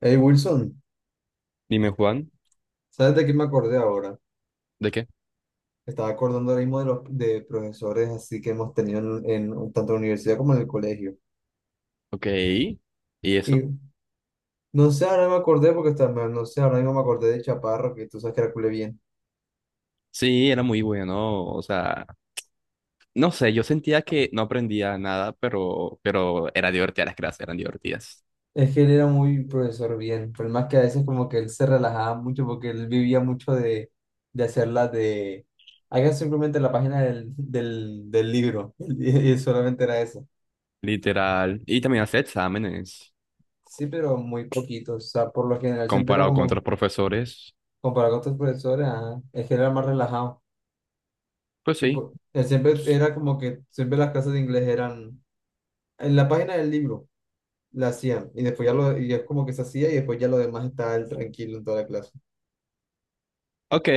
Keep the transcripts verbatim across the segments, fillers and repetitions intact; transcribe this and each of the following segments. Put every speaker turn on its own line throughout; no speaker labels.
Hey Wilson,
Dime, Juan.
¿sabes de qué me acordé ahora?
¿De qué?
Estaba acordando ahora mismo de los de profesores así que hemos tenido en, en tanto en la universidad como en el colegio.
Ok. ¿Y
Y
eso?
no sé, ahora me acordé porque está- me- no sé, ahora mismo me acordé de Chaparro, que tú sabes que era cule bien.
Sí, era muy bueno, o sea, no sé, yo sentía que no aprendía nada, pero, pero era divertida, las clases eran divertidas.
Es que él era muy profesor bien, pero más que a veces como que él se relajaba mucho porque él vivía mucho de, de hacerla de... Haga simplemente la página del, del, del libro y, y solamente era eso.
Literal, y también hacía exámenes,
Sí, pero muy poquito, o sea, por lo general siempre era
comparado con
como
otros profesores,
comparado con otros profesores, ajá, es que era más relajado.
pues sí.
Tipo, él siempre era como que siempre las clases de inglés eran en la página del libro, la hacían, y después ya lo, y es como que se hacía, y después ya lo demás estaba él tranquilo en toda la clase.
Ok.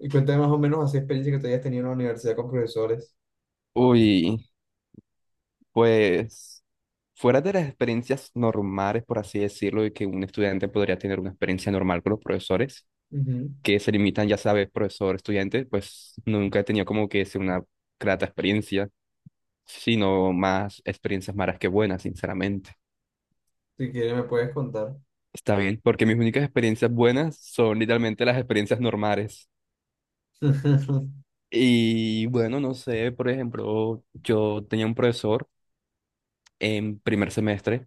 Y cuéntame más o menos así experiencia que tú hayas tenido en la universidad con profesores.
Uy, pues fuera de las experiencias normales, por así decirlo, y que un estudiante podría tener una experiencia normal con los profesores,
Ujú.
que se limitan, ya sabes, profesor, estudiante, pues nunca he tenido como que es una grata experiencia, sino más experiencias malas que buenas, sinceramente.
Si quieres, me puedes contar.
Está bien, porque mis únicas experiencias buenas son literalmente las experiencias normales. Y bueno, no sé, por ejemplo, yo tenía un profesor en primer semestre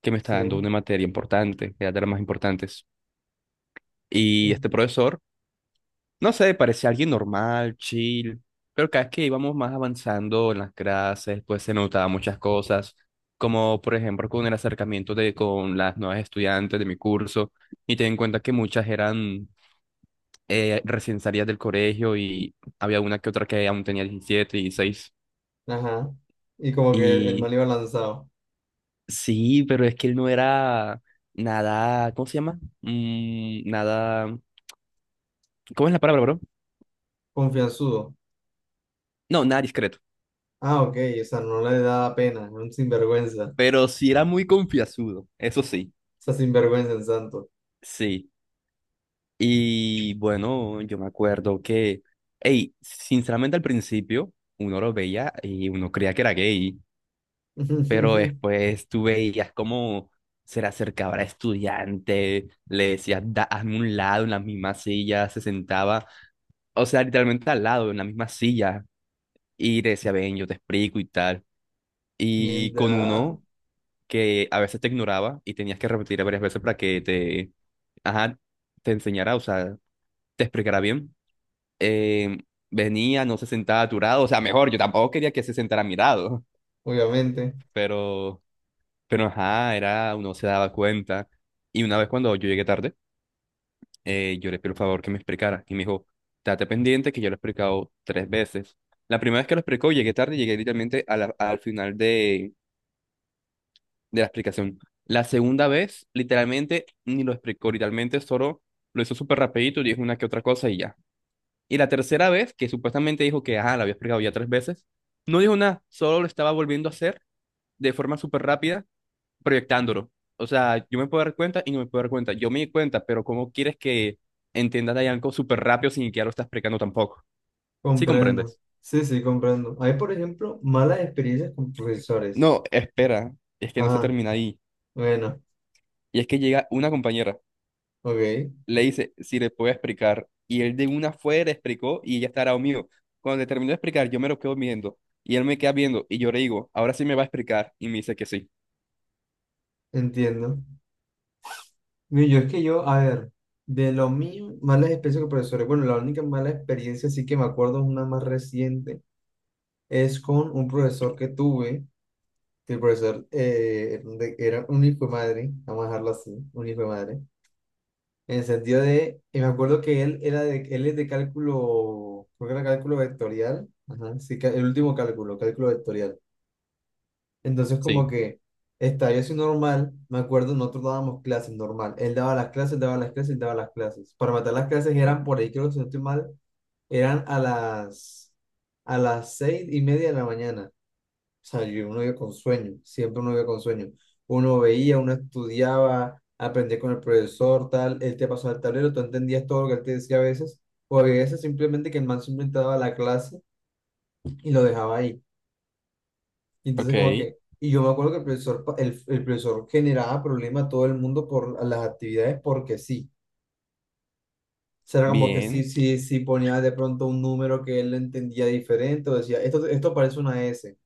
que me
Sí.
estaba dando una materia importante, era de las más importantes. Y este profesor no sé, parecía alguien normal, chill, pero cada vez que íbamos más avanzando en las clases, pues se notaban muchas cosas, como por ejemplo con el acercamiento de con las nuevas estudiantes de mi curso, y ten en cuenta que muchas eran eh, recién salidas del colegio y había una que otra que aún tenía diecisiete, dieciséis.
Ajá. Y como que el, el
Y
man iba lanzado,
sí, pero es que él no era nada, ¿cómo se llama? Mm, nada, ¿cómo es la palabra, bro?
confianzudo.
No, nada discreto,
Ah, ok, o sea, no le daba pena, era un sinvergüenza. O
pero sí era muy confianzudo, eso sí.
sea, sinvergüenza en santo.
Sí. Y bueno, yo me acuerdo que, hey, sinceramente al principio uno lo veía y uno creía que era gay, pero después tú veías cómo se le acercaba a estudiante, le decías, "Da- hazme un lado en la misma silla", se sentaba, o sea, literalmente al lado, en la misma silla, y le decía, ven, yo te explico y tal. Y con
Mierda,
uno que a veces te ignoraba y tenías que repetir varias veces para que te, ajá, te enseñara, o sea, te explicara bien. eh, Venía, no se sentaba a tu lado, o sea, mejor, yo tampoco quería que se sentara a mi lado,
obviamente,
pero, pero ajá, era, uno se daba cuenta. Y una vez cuando yo llegué tarde, eh, yo le pedí el favor que me explicara, y me dijo, date pendiente que yo lo he explicado tres veces. La primera vez que lo explicó, llegué tarde, llegué literalmente a la- al final de, de la explicación. La segunda vez, literalmente, ni lo explicó, literalmente solo lo hizo súper rapidito, dijo una que otra cosa y ya. Y la tercera vez, que supuestamente dijo que, ah, la había explicado ya tres veces, no dijo nada, solo lo estaba volviendo a hacer de forma súper rápida, proyectándolo. O sea, yo me puedo dar cuenta y no me puedo dar cuenta. Yo me di cuenta, pero ¿cómo quieres que entiendas ahí algo súper rápido sin que ya lo estás explicando tampoco? ¿Sí
comprendo.
comprendes?
Sí, sí, comprendo. Hay, por ejemplo, malas experiencias con profesores.
No, espera, es que no se
Ajá,
termina ahí.
bueno,
Y es que llega una compañera
ok,
le dice si le puede explicar. Y él de una fue, le explicó y ella estará mío. Cuando le terminó de explicar, yo me lo quedo viendo y él me queda viendo y yo le digo, ahora sí me va a explicar y me dice que sí.
entiendo. Mira, yo es que yo, a ver, de lo mío, malas experiencias con profesores. Bueno, la única mala experiencia sí que me acuerdo es una más reciente. Es con un profesor que tuve, que el profesor eh, de- era un hijo de madre, vamos a dejarlo así, un hijo de madre. En el sentido de, y me acuerdo que él era de, él es de cálculo, creo que era cálculo vectorial, ajá, sí, ca- el último cálculo, cálculo vectorial. Entonces como
Sí,
que estaba yo así normal, me acuerdo, nosotros dábamos clases normal, él daba las clases, daba las clases, daba las clases. Para matar las clases eran por ahí, creo que si no estoy mal, eran a las, a las seis y media de la mañana. O sea, yo, uno iba con sueño, siempre uno iba con sueño. Uno veía, uno estudiaba, aprendía con el profesor, tal, él te pasaba el tablero, tú entendías todo lo que él te decía a veces, o a veces simplemente que el man simplemente daba la clase y lo dejaba ahí. Y entonces
ok,
como que, y yo me acuerdo que el profesor, pa- el, el profesor generaba problemas a todo el mundo por las actividades porque sí. O sea, era como que sí,
bien.
sí, sí ponía de pronto un número que él entendía diferente, o decía, esto, esto parece una S,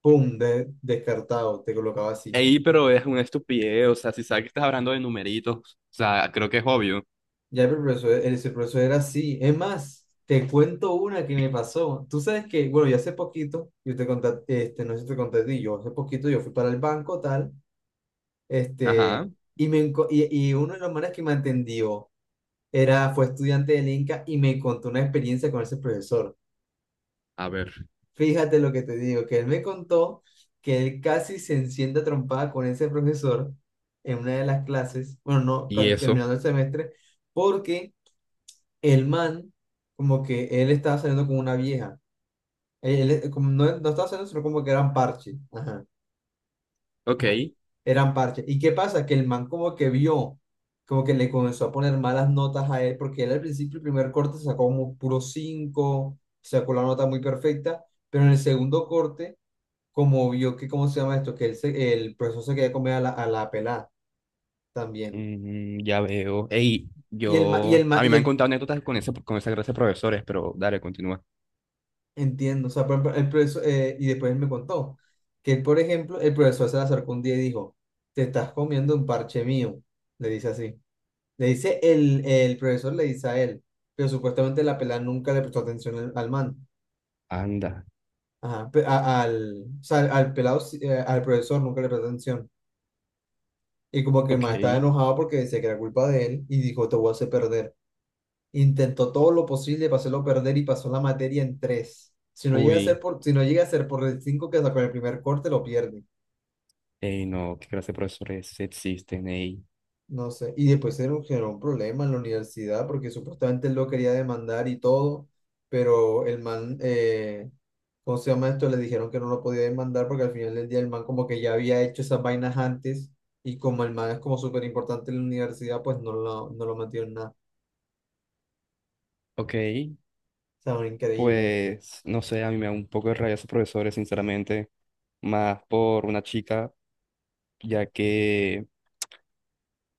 pum, de- descartado, te colocaba así.
Ey, pero es una estupidez, o sea, si sabes que estás hablando de numeritos, o sea, creo que es obvio.
Ya pero el profesor, ese profesor era así. Es más, te cuento una que me pasó. Tú sabes que, bueno, yo hace poquito, yo te conté, este, no sé si te conté a ti, yo hace poquito yo fui para el banco, tal,
Ajá,
este, y, me, enco- y, y uno de los manes que me atendió era, fue estudiante del Inca y me contó una experiencia con ese profesor.
a ver,
Fíjate lo que te digo, que él me contó que él casi se enciende a trompada con ese profesor en una de las clases, bueno, no,
y
con-
eso,
terminando el semestre, porque el man, como que él estaba saliendo con una vieja. Él, él- eh, como no, no estaba saliendo, sino como que eran parches. Ajá,
ok.
ajá. Eran parches. ¿Y qué pasa? Que el man como que vio, como que le comenzó a poner malas notas a él, porque él al principio, el primer corte sacó como puro cinco, sacó la nota muy perfecta, pero en el segundo corte, como vio que, ¿cómo se llama esto? Que él se- el profesor se quería comer a la, a la pelada también.
Mm, ya veo. Ey,
Y el, ma- y el,
yo,
ma-
a mí
y
me han
el,
contado anécdotas con ese, con esa clase de profesores, pero dale, continúa.
Entiendo, o sea, por ejemplo, el profesor, eh, y después él me contó que él, por ejemplo, el profesor se le acercó un día y dijo, te estás comiendo un parche mío, le dice así. Le dice el, el profesor, le dice a él, pero supuestamente la pelada nunca le prestó atención al, al man.
Anda,
Ajá, pe- a- al, o sea, al pelado, sí, eh, al profesor nunca le prestó atención. Y como que el
ok,
man estaba enojado porque decía que era culpa de él y dijo, te voy a hacer perder. Intentó todo lo posible para hacerlo perder y pasó la materia en tres. Si no llega a
uy.
ser por, si no llega a ser por el cinco que sacó en el primer corte, lo pierde.
Ey, no, qué clase de profesores existen, ey.
No sé. Y después era un, generó un problema en la universidad porque supuestamente él lo quería demandar y todo, pero el man, eh, ¿cómo se llama esto? Le dijeron que no lo podía demandar porque al final del día el man como que ya había hecho esas vainas antes y como el man es como súper importante en la universidad, pues no lo, no lo metió en nada.
Ok,
O sea, increíble.
pues no sé, a mí me da un poco de rabia esos profesores, sinceramente, más por una chica, ya que,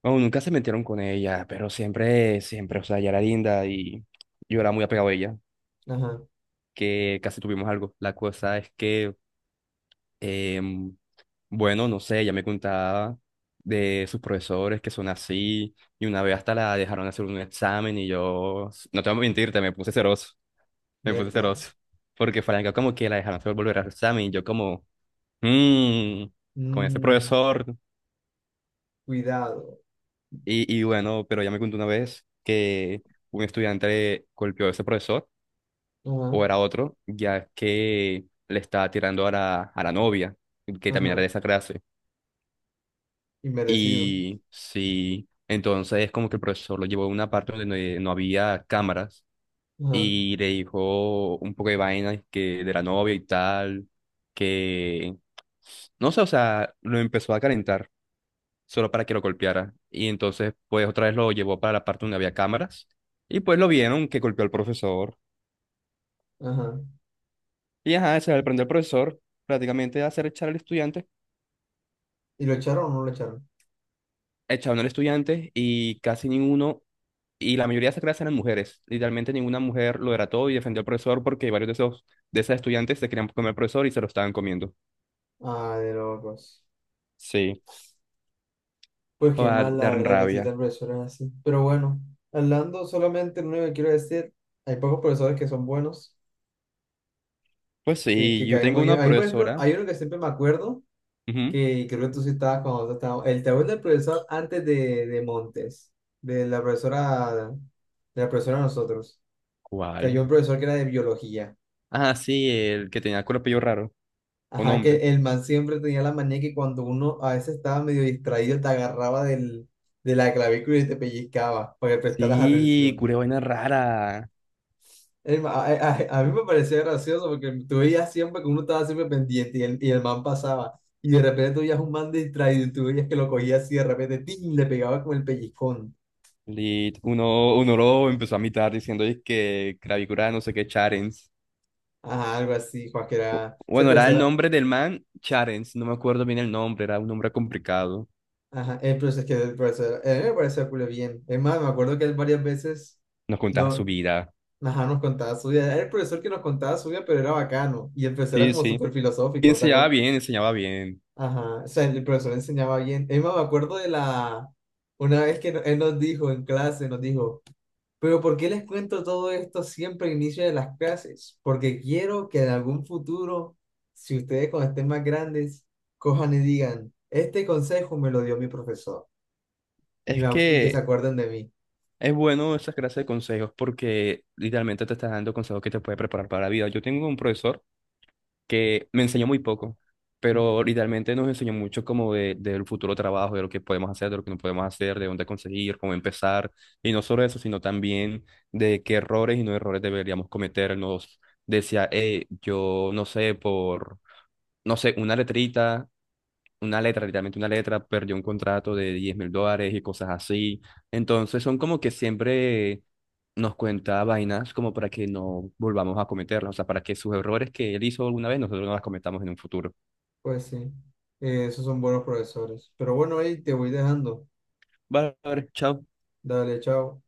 bueno, nunca se metieron con ella, pero siempre, siempre, o sea, ella era linda y yo era muy apegado a ella,
Ajá,
que casi tuvimos algo. La cosa es que, em, bueno, no sé, ella me contaba de sus profesores que son así, y una vez hasta la dejaron hacer un examen y yo, no te voy a mentirte, me puse celoso. Me puse
mierda.
celoso. Porque Franca como que la dejaron solo volver a su examen y yo como, mmm, con ese
Mm,
profesor.
cuidado.
Y, y bueno, pero ya me contó una vez que un estudiante golpeó a ese profesor,
Ajá,
o era otro, ya que le estaba tirando a la, a la novia, que también era
ajá,
de esa clase.
inmerecido.
Y sí, entonces como que el profesor lo llevó a una parte donde no no había cámaras
Ajá,
y le dijo un poco de vainas que de la novia y tal, que no sé, o sea, lo empezó a calentar solo para que lo golpeara. Y entonces, pues otra vez lo llevó para la parte donde había cámaras y pues lo vieron que golpeó al profesor.
ajá.
Y ajá, se le prendió al profesor prácticamente a hacer echar al estudiante,
¿Y lo echaron o no lo echaron?
echaron al estudiante y casi ninguno, y la mayoría de esas clases eran mujeres. Literalmente ninguna mujer lo era todo y defendió al profesor porque varios de esos, de esas estudiantes se querían comer al profesor y se lo estaban comiendo.
Ah, de locos.
Sí.
Pues
O
qué
dar,
mal, la
dar
verdad, que
rabia.
existen tal así. Pero bueno, hablando solamente, lo único que quiero decir, hay pocos profesores que son buenos,
Pues
que,
sí,
que
yo
caen
tengo
muy bien.
una
A mí, por ejemplo,
profesora.
hay uno que siempre me acuerdo,
Ujú.
que creo que tú sí estabas cuando tú estabas, el tabú del profesor antes de, de Montes, de la profesora, de la profesora de nosotros, que
¿Cuál?
había un profesor que era de biología.
Ah, sí, el que tenía cuerpillo raro. Un
Ajá,
hombre.
que el man siempre tenía la manía que cuando uno a veces estaba medio distraído, te agarraba del, de la clavícula y te pellizcaba para que prestaras
Sí,
atención.
curé vaina rara.
El ma- a, a- a mí me parecía gracioso porque tú veías siempre que uno estaba siempre pendiente y el, y el man pasaba. Y de repente tú veías un man distraído y tú veías que lo cogía así de repente, ¡tin!, le pegaba con el pellizcón.
Lit. Uno, uno lo empezó a imitar diciendo es que cravicura no sé qué Charens.
Ajá, algo así, Juan, que
Bu-
era... Ese
Bueno, era
profesor,
el
era...
nombre del man Charens. No me acuerdo bien el nombre, era un nombre complicado.
ajá, el profesor, es que el profesor, a mí me parecía culo bien. Es más, me acuerdo que él varias veces...
Nos contaba su
No,
vida.
ajá, nos contaba su vida. Era el profesor que nos contaba su vida, pero era bacano. Y el profesor era
Sí,
como
sí.
súper
Y
filosófico, ¿te
enseñaba
acuerdas?
bien, enseñaba bien.
Ajá, o sea, el profesor enseñaba bien. Es más, me acuerdo de la... Una vez que no- él nos dijo en clase, nos dijo, pero ¿por qué les cuento todo esto siempre al inicio de las clases? Porque quiero que en algún futuro, si ustedes cuando estén más grandes, cojan y digan, este consejo me lo dio mi profesor. Y, me
Es
ac- y que se
que
acuerden de mí.
es bueno esa clase de consejos porque literalmente te estás dando consejos que te puede preparar para la vida. Yo tengo un profesor que me enseñó muy poco, pero
Ujú.
literalmente nos enseñó mucho como de, del futuro trabajo, de lo que podemos hacer, de lo que no podemos hacer, de dónde conseguir, cómo empezar. Y no solo eso, sino también de qué errores y no errores deberíamos cometer. Nos decía, eh, yo no sé, por, no sé, una letrita una letra, literalmente una letra, perdió un contrato de diez mil dólares y cosas así. Entonces son como que siempre nos cuenta vainas como para que no volvamos a cometerlas, o sea, para que sus errores que él hizo alguna vez nosotros no las cometamos en un futuro.
Pues sí, eh, esos son buenos profesores. Pero bueno, ahí te voy dejando.
Vale, vale, chao.
Dale, chao.